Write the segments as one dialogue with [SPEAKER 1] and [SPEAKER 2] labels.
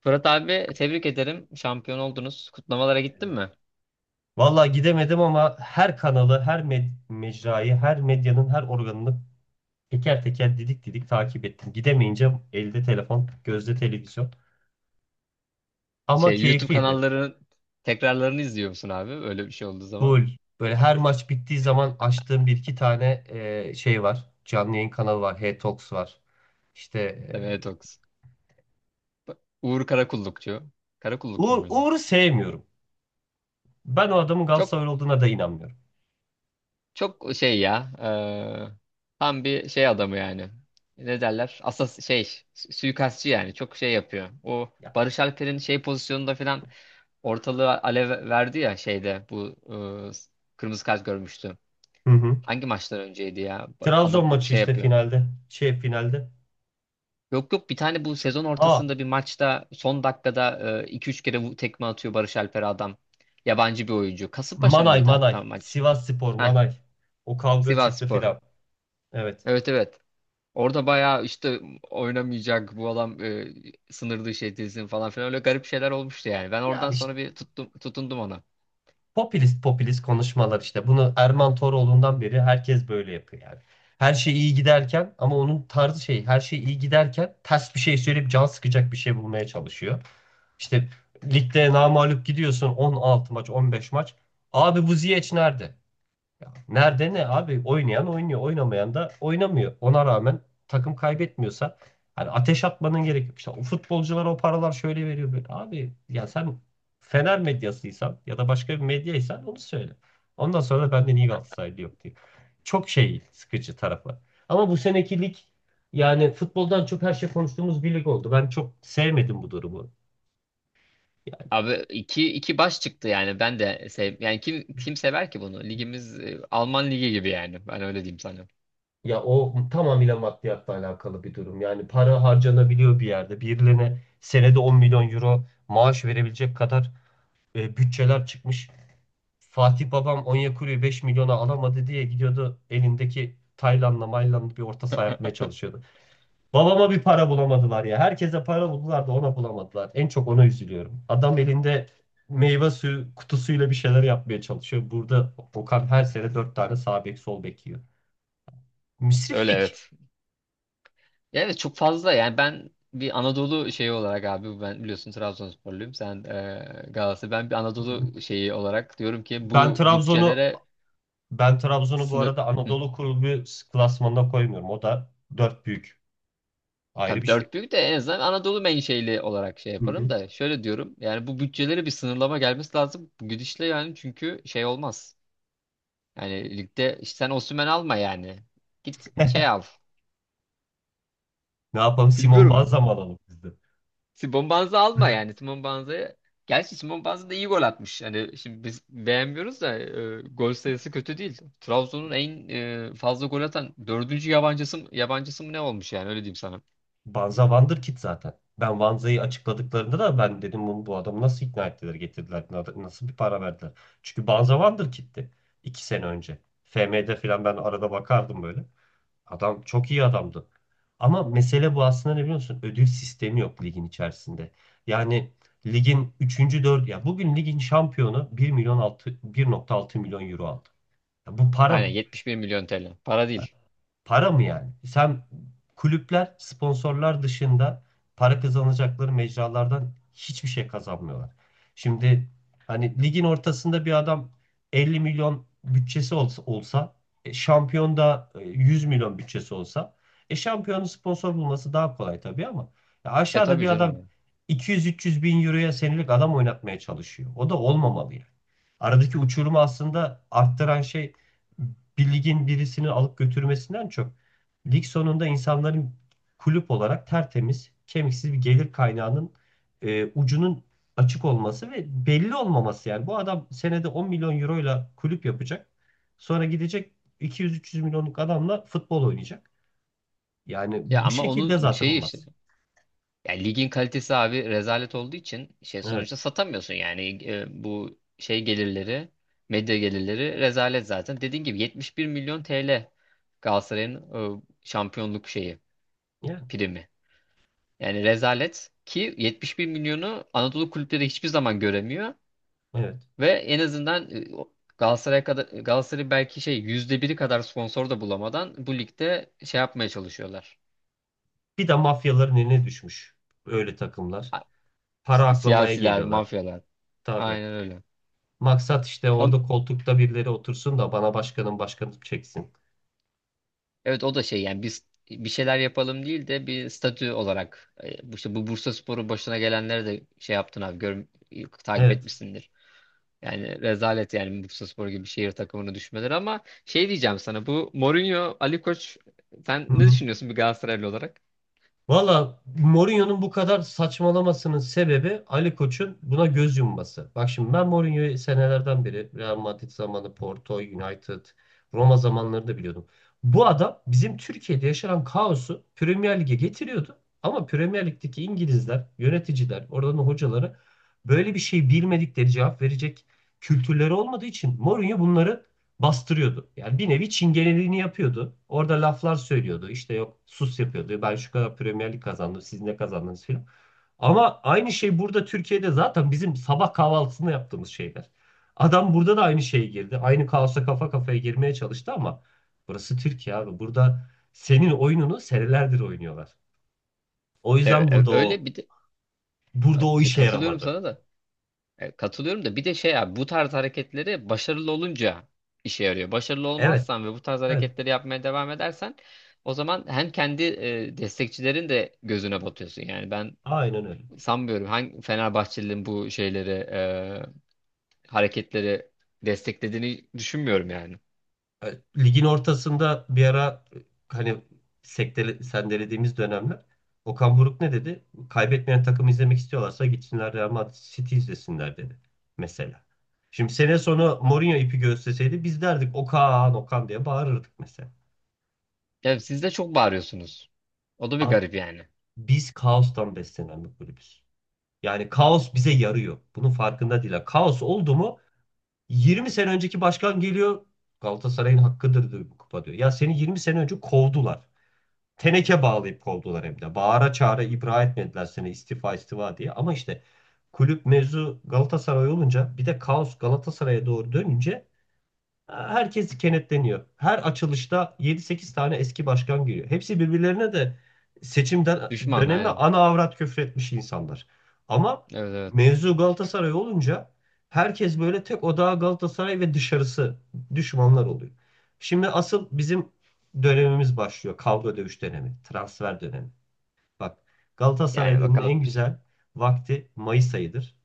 [SPEAKER 1] Fırat abi, tebrik ederim. Şampiyon oldunuz. Kutlamalara gittin
[SPEAKER 2] Evet.
[SPEAKER 1] mi?
[SPEAKER 2] Vallahi gidemedim ama her kanalı, her mecrayı, her medyanın her organını teker teker didik didik takip ettim. Gidemeyince elde telefon, gözde televizyon. Ama
[SPEAKER 1] YouTube
[SPEAKER 2] keyifliydi.
[SPEAKER 1] kanallarının tekrarlarını izliyor musun abi? Öyle bir şey olduğu zaman.
[SPEAKER 2] Full. Böyle her maç bittiği zaman açtığım bir iki tane şey var. Canlı yayın kanalı var. H-Talks var. İşte.
[SPEAKER 1] Demeye Toks. Uğur Karakullukçu.
[SPEAKER 2] e,
[SPEAKER 1] Karakullukçu
[SPEAKER 2] Uğur,
[SPEAKER 1] muydu?
[SPEAKER 2] Uğur'u sevmiyorum. Ben o adamın
[SPEAKER 1] Çok
[SPEAKER 2] Galatasaray olduğuna da inanmıyorum.
[SPEAKER 1] çok şey ya. Tam bir şey adamı yani. Ne derler? Asas şey, suikastçı yani. Çok şey yapıyor. O
[SPEAKER 2] Ya.
[SPEAKER 1] Barış Alper'in şey pozisyonunda falan ortalığı alev verdi ya, şeyde bu eee, kırmızı kart görmüştü.
[SPEAKER 2] Hı hı.
[SPEAKER 1] Hangi maçtan önceydi ya?
[SPEAKER 2] Trabzon
[SPEAKER 1] Adam
[SPEAKER 2] maçı
[SPEAKER 1] şey
[SPEAKER 2] işte
[SPEAKER 1] yapıyor.
[SPEAKER 2] finalde. Şey finalde.
[SPEAKER 1] Yok yok, bir tane bu sezon
[SPEAKER 2] Aa,
[SPEAKER 1] ortasında bir maçta son dakikada iki üç kere tekme atıyor Barış Alper adam. Yabancı bir oyuncu. Kasımpaşa
[SPEAKER 2] Manay
[SPEAKER 1] mıydı
[SPEAKER 2] Manay.
[SPEAKER 1] hatta maç?
[SPEAKER 2] Sivas Spor
[SPEAKER 1] Heh,
[SPEAKER 2] Manay. O kavga çıktı
[SPEAKER 1] Sivasspor.
[SPEAKER 2] filan. Evet.
[SPEAKER 1] Evet, evet. Orada bayağı işte oynamayacak bu adam, sınır dışı edilsin falan filan öyle garip şeyler olmuştu yani. Ben
[SPEAKER 2] Ya
[SPEAKER 1] oradan
[SPEAKER 2] işte
[SPEAKER 1] sonra bir tuttum, tutundum ona.
[SPEAKER 2] popülist popülist konuşmalar işte. Bunu Erman Toroğlu'ndan beri herkes böyle yapıyor yani. Her şey iyi giderken, ama onun tarzı şey, her şey iyi giderken ters bir şey söyleyip can sıkacak bir şey bulmaya çalışıyor. İşte ligde namağlup gidiyorsun, 16 maç 15 maç. Abi bu Ziyech nerede? Ya nerede ne abi? Oynayan oynuyor, oynamayan da oynamıyor. Ona rağmen takım kaybetmiyorsa hani ateş atmanın gerek yok. İşte o futbolculara o paralar şöyle veriyor böyle. Abi ya sen Fener medyasıysan ya da başka bir medyaysan onu söyle. Ondan sonra da benden iyi Galatasaraylı yok diyor. Çok şey sıkıcı tarafı. Ama bu seneki lig yani futboldan çok her şey konuştuğumuz bir lig oldu. Ben çok sevmedim bu durumu.
[SPEAKER 1] Abi, iki baş çıktı yani, ben de sev yani kim sever ki bunu? Ligimiz Alman ligi gibi yani, ben öyle diyeyim sana.
[SPEAKER 2] Ya, o tamamıyla maddiyatla alakalı bir durum. Yani para harcanabiliyor bir yerde. Birilerine senede 10 milyon euro maaş verebilecek kadar bütçeler çıkmış. Fatih babam Onyekuru'yu 5 milyona alamadı diye gidiyordu, elindeki Tayland'la Mayland'la bir orta saha yapmaya çalışıyordu. Babama bir para bulamadılar ya. Herkese para buldular da ona bulamadılar. En çok ona üzülüyorum. Adam elinde meyve suyu kutusuyla bir şeyler yapmaya çalışıyor. Burada Okan her sene 4 tane sağ bek sol bek yiyor.
[SPEAKER 1] Öyle,
[SPEAKER 2] Müsriflik.
[SPEAKER 1] evet. Ya evet, çok fazla yani ben bir Anadolu şeyi olarak abi, ben biliyorsun Trabzonsporluyum, sen Galatasaray, ben bir Anadolu şeyi olarak diyorum ki
[SPEAKER 2] Ben
[SPEAKER 1] bu
[SPEAKER 2] Trabzon'u
[SPEAKER 1] bütçelere
[SPEAKER 2] ben Trabzon'u bu
[SPEAKER 1] sınır.
[SPEAKER 2] arada
[SPEAKER 1] Hı,
[SPEAKER 2] Anadolu Kulübü klasmanına koymuyorum. O da dört büyük. Ayrı
[SPEAKER 1] tabii
[SPEAKER 2] bir şey.
[SPEAKER 1] dört büyük de en azından Anadolu menşeli olarak şey
[SPEAKER 2] Hı hı.
[SPEAKER 1] yaparım da, şöyle diyorum yani bu bütçelere bir sınırlama gelmesi lazım bu gidişle yani. Çünkü şey olmaz yani, ligde işte, sen Osimhen alma yani, git şey al,
[SPEAKER 2] Ne yapalım? Simon
[SPEAKER 1] bilmiyorum,
[SPEAKER 2] Banza mı alalım biz de?
[SPEAKER 1] Simon Banza alma yani. Simon Banza'ya... Gerçi Simon Banza da iyi gol atmış. Hani şimdi biz beğenmiyoruz da, gol sayısı kötü değil. Trabzon'un en fazla gol atan dördüncü yabancısı mı, ne olmuş yani, öyle diyeyim sana.
[SPEAKER 2] Banza Wonderkid zaten. Ben Banza'yı açıkladıklarında da ben dedim, bu adamı nasıl ikna ettiler, getirdiler, nasıl bir para verdiler. Çünkü Banza Wonderkid'ti 2 sene önce. FM'de falan ben arada bakardım böyle. Adam çok iyi adamdı. Ama mesele bu aslında, ne biliyorsun? Ödül sistemi yok ligin içerisinde. Yani ligin üçüncü 4., ya bugün ligin şampiyonu 1,6 milyon euro aldı. Ya bu para
[SPEAKER 1] Aynen,
[SPEAKER 2] mı?
[SPEAKER 1] 71 milyon TL. Para değil.
[SPEAKER 2] Para mı yani? Sen, kulüpler sponsorlar dışında para kazanacakları mecralardan hiçbir şey kazanmıyorlar. Şimdi hani ligin ortasında bir adam 50 milyon bütçesi olsa, şampiyon da 100 milyon bütçesi olsa, şampiyonun sponsor bulması daha kolay tabii, ama ya
[SPEAKER 1] E
[SPEAKER 2] aşağıda
[SPEAKER 1] tabii
[SPEAKER 2] bir
[SPEAKER 1] canım
[SPEAKER 2] adam
[SPEAKER 1] yani.
[SPEAKER 2] 200-300 bin euroya senelik adam oynatmaya çalışıyor. O da olmamalı yani. Aradaki uçurumu aslında arttıran şey, bir ligin birisini alıp götürmesinden çok, lig sonunda insanların kulüp olarak tertemiz, kemiksiz bir gelir kaynağının ucunun açık olması ve belli olmaması yani. Bu adam senede 10 milyon euroyla kulüp yapacak. Sonra gidecek, 200-300 milyonluk adamla futbol oynayacak. Yani
[SPEAKER 1] Ya
[SPEAKER 2] bu
[SPEAKER 1] ama
[SPEAKER 2] şekilde
[SPEAKER 1] onun
[SPEAKER 2] zaten
[SPEAKER 1] şeyi işte...
[SPEAKER 2] olmaz.
[SPEAKER 1] Ya ligin kalitesi abi rezalet olduğu için şey,
[SPEAKER 2] Evet.
[SPEAKER 1] sonuçta satamıyorsun yani bu şey gelirleri, medya gelirleri rezalet zaten. Dediğin gibi 71 milyon TL Galatasaray'ın e, şampiyonluk şeyi
[SPEAKER 2] Yani,
[SPEAKER 1] primi. Yani rezalet ki 71 milyonu Anadolu kulüpleri hiçbir zaman göremiyor
[SPEAKER 2] evet.
[SPEAKER 1] ve en azından Galatasaray'a kadar Galatasaray belki şey %1'i kadar sponsor da bulamadan bu ligde şey yapmaya çalışıyorlar.
[SPEAKER 2] Bir de mafyaların eline düşmüş öyle takımlar.
[SPEAKER 1] A-
[SPEAKER 2] Para aklamaya
[SPEAKER 1] Siyasiler,
[SPEAKER 2] geliyorlar.
[SPEAKER 1] mafyalar.
[SPEAKER 2] Tabii.
[SPEAKER 1] Aynen öyle.
[SPEAKER 2] Maksat işte, orada koltukta birileri otursun da bana başkanım başkanım çeksin.
[SPEAKER 1] Evet, o da şey yani biz bir şeyler yapalım değil de bir statü olarak, bu işte bu Bursaspor'u başına gelenlere de şey yaptın abi, gör, takip
[SPEAKER 2] Evet.
[SPEAKER 1] etmişsindir. Yani rezalet, yani Bursaspor gibi şehir takımını düşmeleri. Ama şey diyeceğim sana, bu Mourinho Ali Koç, sen
[SPEAKER 2] Hı
[SPEAKER 1] ne
[SPEAKER 2] hı.
[SPEAKER 1] düşünüyorsun bir Galatasaraylı olarak?
[SPEAKER 2] Valla, Mourinho'nun bu kadar saçmalamasının sebebi Ali Koç'un buna göz yumması. Bak şimdi, ben Mourinho'yu senelerden beri Real Madrid zamanı, Porto, United, Roma zamanları da biliyordum. Bu adam bizim Türkiye'de yaşanan kaosu Premier Lig'e getiriyordu. Ama Premier Lig'deki İngilizler, yöneticiler, oradan hocaları böyle bir şey bilmedikleri, cevap verecek kültürleri olmadığı için Mourinho bunları bastırıyordu. Yani bir nevi çingeneliğini yapıyordu. Orada laflar söylüyordu. İşte yok sus yapıyordu. Ben şu kadar Premier Lig kazandım. Siz ne kazandınız filan. Ama aynı şey burada, Türkiye'de zaten bizim sabah kahvaltısında yaptığımız şeyler. Adam burada da aynı şeye girdi. Aynı kaosa kafa kafaya girmeye çalıştı, ama burası Türkiye abi. Burada senin oyununu senelerdir oynuyorlar. O
[SPEAKER 1] E,
[SPEAKER 2] yüzden
[SPEAKER 1] e,
[SPEAKER 2] burada
[SPEAKER 1] öyle
[SPEAKER 2] o
[SPEAKER 1] bir de-
[SPEAKER 2] burada o
[SPEAKER 1] Ay,
[SPEAKER 2] işe
[SPEAKER 1] katılıyorum
[SPEAKER 2] yaramadı.
[SPEAKER 1] sana da. Katılıyorum da, bir de şey abi, bu tarz hareketleri başarılı olunca işe yarıyor. Başarılı
[SPEAKER 2] Evet,
[SPEAKER 1] olmazsan ve bu tarz
[SPEAKER 2] evet.
[SPEAKER 1] hareketleri yapmaya devam edersen, o zaman hem kendi destekçilerin de gözüne batıyorsun. Yani ben
[SPEAKER 2] Aynen öyle.
[SPEAKER 1] sanmıyorum, hangi Fenerbahçelilerin bu şeyleri hareketleri desteklediğini düşünmüyorum yani.
[SPEAKER 2] Ligin ortasında bir ara hani sendelediğimiz dönemler, Okan Buruk ne dedi? Kaybetmeyen takımı izlemek istiyorlarsa gitsinler Real Madrid, City izlesinler dedi mesela. Şimdi sene sonu Mourinho ipi gösterseydi biz derdik, Okan Okan diye bağırırdık mesela.
[SPEAKER 1] Ya siz de çok bağırıyorsunuz. O da bir
[SPEAKER 2] Abi,
[SPEAKER 1] garip yani.
[SPEAKER 2] biz kaostan beslenen bir kulübüz. Yani kaos bize yarıyor. Bunun farkında değil. Yani kaos oldu mu, 20 sene önceki başkan geliyor, Galatasaray'ın hakkıdır diyor bu kupa, diyor. Ya seni 20 sene önce kovdular. Teneke bağlayıp kovdular hem de. Bağıra çağıra ibra etmediler seni, istifa istifa diye. Ama işte kulüp mevzu Galatasaray olunca, bir de kaos Galatasaray'a doğru dönünce herkes kenetleniyor. Her açılışta yedi sekiz tane eski başkan giriyor. Hepsi birbirlerine de seçimden
[SPEAKER 1] Düşman,
[SPEAKER 2] dönemi
[SPEAKER 1] aynen.
[SPEAKER 2] ana avrat küfretmiş insanlar. Ama
[SPEAKER 1] Evet, evet.
[SPEAKER 2] mevzu Galatasaray olunca herkes böyle tek odağa, Galatasaray ve dışarısı düşmanlar oluyor. Şimdi asıl bizim dönemimiz başlıyor. Kavga dövüş dönemi, transfer dönemi. Bak,
[SPEAKER 1] Yani
[SPEAKER 2] Galatasaraylı'nın en
[SPEAKER 1] bakalım.
[SPEAKER 2] güzel vakti Mayıs ayıdır.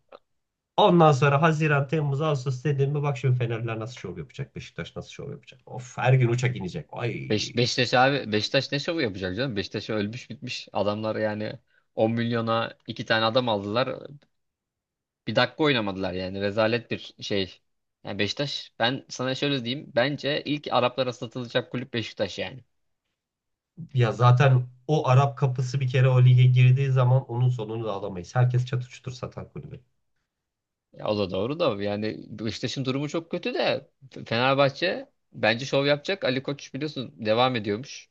[SPEAKER 2] Ondan sonra Haziran, Temmuz, Ağustos dediğimde bak şimdi Fenerler nasıl şov yapacak, Beşiktaş nasıl şov yapacak. Of, her gün uçak inecek. Ay,
[SPEAKER 1] Beşiktaş abi, Beşiktaş ne şovu yapacak canım? Beşiktaş ölmüş bitmiş. Adamlar yani 10 milyona iki tane adam aldılar. Bir dakika oynamadılar yani. Rezalet bir şey. Yani Beşiktaş, ben sana şöyle diyeyim. Bence ilk Araplara satılacak kulüp Beşiktaş yani.
[SPEAKER 2] ya zaten o Arap kapısı bir kere o lige girdiği zaman onun sonunu da alamayız. Herkes çatır çutur satan kulübe.
[SPEAKER 1] Ya o da doğru da, yani Beşiktaş'ın durumu çok kötü de, Fenerbahçe bence şov yapacak. Ali Koç biliyorsun devam ediyormuş.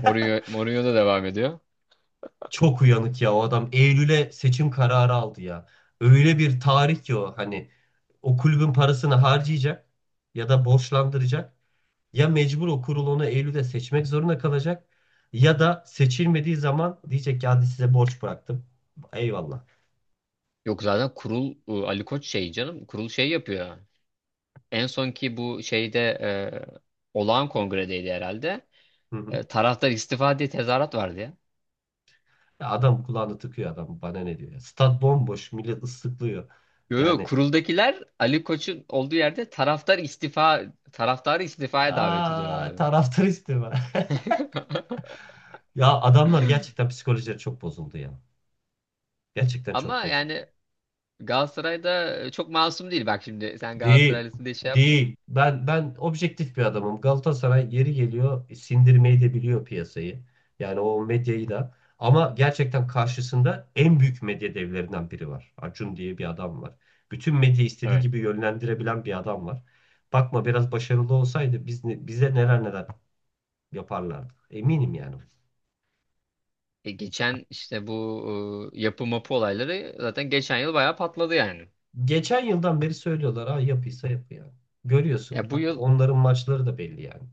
[SPEAKER 1] Mourinho da devam ediyor.
[SPEAKER 2] Çok uyanık ya o adam. Eylül'e seçim kararı aldı ya. Öyle bir tarih ki o, hani o kulübün parasını harcayacak ya da borçlandıracak. Ya mecbur, o kurulunu Eylül'de seçmek zorunda kalacak ya da seçilmediği zaman diyecek ki, hadi size borç bıraktım. Eyvallah.
[SPEAKER 1] Yok, zaten kurul Ali Koç şey canım kurul şey yapıyor. En sonki bu şeyde, olağan kongredeydi herhalde.
[SPEAKER 2] Hı hı.
[SPEAKER 1] E, taraftar istifa diye tezahürat vardı ya.
[SPEAKER 2] Ya adam kulağını tıkıyor, adam bana ne diyor ya. Stat bomboş, millet ıslıklıyor.
[SPEAKER 1] Yo, yo,
[SPEAKER 2] Yani,
[SPEAKER 1] kuruldakiler Ali Koç'un olduğu yerde taraftar istifa, taraftarı istifaya davet ediyorlar
[SPEAKER 2] aa,
[SPEAKER 1] abi.
[SPEAKER 2] taraftar istiyor. Ya adamlar gerçekten psikolojileri çok bozuldu ya. Gerçekten çok
[SPEAKER 1] Ama
[SPEAKER 2] bozuldu.
[SPEAKER 1] yani Galatasaray'da çok masum değil. Bak şimdi, sen
[SPEAKER 2] Değil.
[SPEAKER 1] Galatasaraylısın diye şey yapma.
[SPEAKER 2] Değil. Ben objektif bir adamım. Galatasaray yeri geliyor sindirmeyi de biliyor piyasayı. Yani o medyayı da. Ama gerçekten karşısında en büyük medya devlerinden biri var. Acun diye bir adam var. Bütün medyayı istediği
[SPEAKER 1] Evet.
[SPEAKER 2] gibi yönlendirebilen bir adam var. Bakma, biraz başarılı olsaydı biz bize neler neler yaparlardı. Eminim yani.
[SPEAKER 1] E, geçen işte bu yapı mapı olayları zaten geçen yıl bayağı patladı yani.
[SPEAKER 2] Geçen yıldan beri söylüyorlar, ha yapıysa yapı yani. Görüyorsun,
[SPEAKER 1] Ya bu yıl
[SPEAKER 2] onların maçları da belli yani.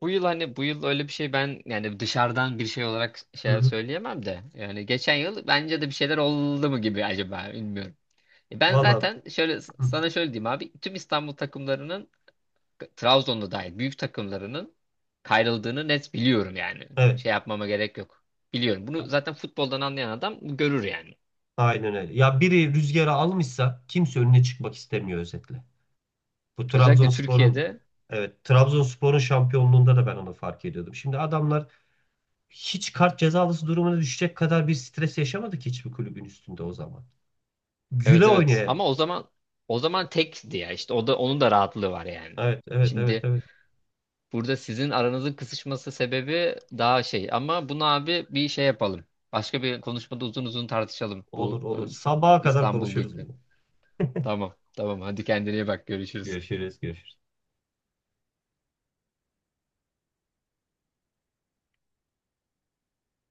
[SPEAKER 1] Bu yıl, hani bu yıl öyle bir şey, ben yani dışarıdan bir şey olarak
[SPEAKER 2] Hı
[SPEAKER 1] şey
[SPEAKER 2] hı.
[SPEAKER 1] söyleyemem de, yani geçen yıl bence de bir şeyler oldu mu gibi acaba, bilmiyorum. Ben
[SPEAKER 2] Valla,
[SPEAKER 1] zaten şöyle
[SPEAKER 2] hı.
[SPEAKER 1] sana şöyle diyeyim abi, tüm İstanbul takımlarının, Trabzon'da dahil büyük takımlarının kayrıldığını net biliyorum yani.
[SPEAKER 2] Evet.
[SPEAKER 1] Şey yapmama gerek yok. Biliyorum. Bunu zaten futboldan anlayan adam görür yani.
[SPEAKER 2] Aynen öyle. Ya biri rüzgarı almışsa kimse önüne çıkmak istemiyor özetle. Bu
[SPEAKER 1] Özellikle
[SPEAKER 2] Trabzonspor'un,
[SPEAKER 1] Türkiye'de,
[SPEAKER 2] evet, Trabzonspor'un şampiyonluğunda da ben onu fark ediyordum. Şimdi adamlar hiç kart cezalısı durumuna düşecek kadar bir stres yaşamadı ki, hiçbir kulübün üstünde, o zaman. Güle
[SPEAKER 1] evet, evet.
[SPEAKER 2] oynaya.
[SPEAKER 1] Ama o zaman tekti ya işte, o da onun da rahatlığı var yani.
[SPEAKER 2] Evet, evet, evet,
[SPEAKER 1] Şimdi,
[SPEAKER 2] evet.
[SPEAKER 1] burada sizin aranızın kısışması sebebi daha şey, ama bunu abi bir şey yapalım. Başka bir konuşmada uzun uzun tartışalım
[SPEAKER 2] Olur,
[SPEAKER 1] bu
[SPEAKER 2] olur. Sabaha kadar
[SPEAKER 1] İstanbul
[SPEAKER 2] konuşuruz
[SPEAKER 1] Büyüklüğü.
[SPEAKER 2] bunu.
[SPEAKER 1] Tamam, tamam, hadi kendine iyi bak, görüşürüz.
[SPEAKER 2] Görüşürüz, görüşürüz.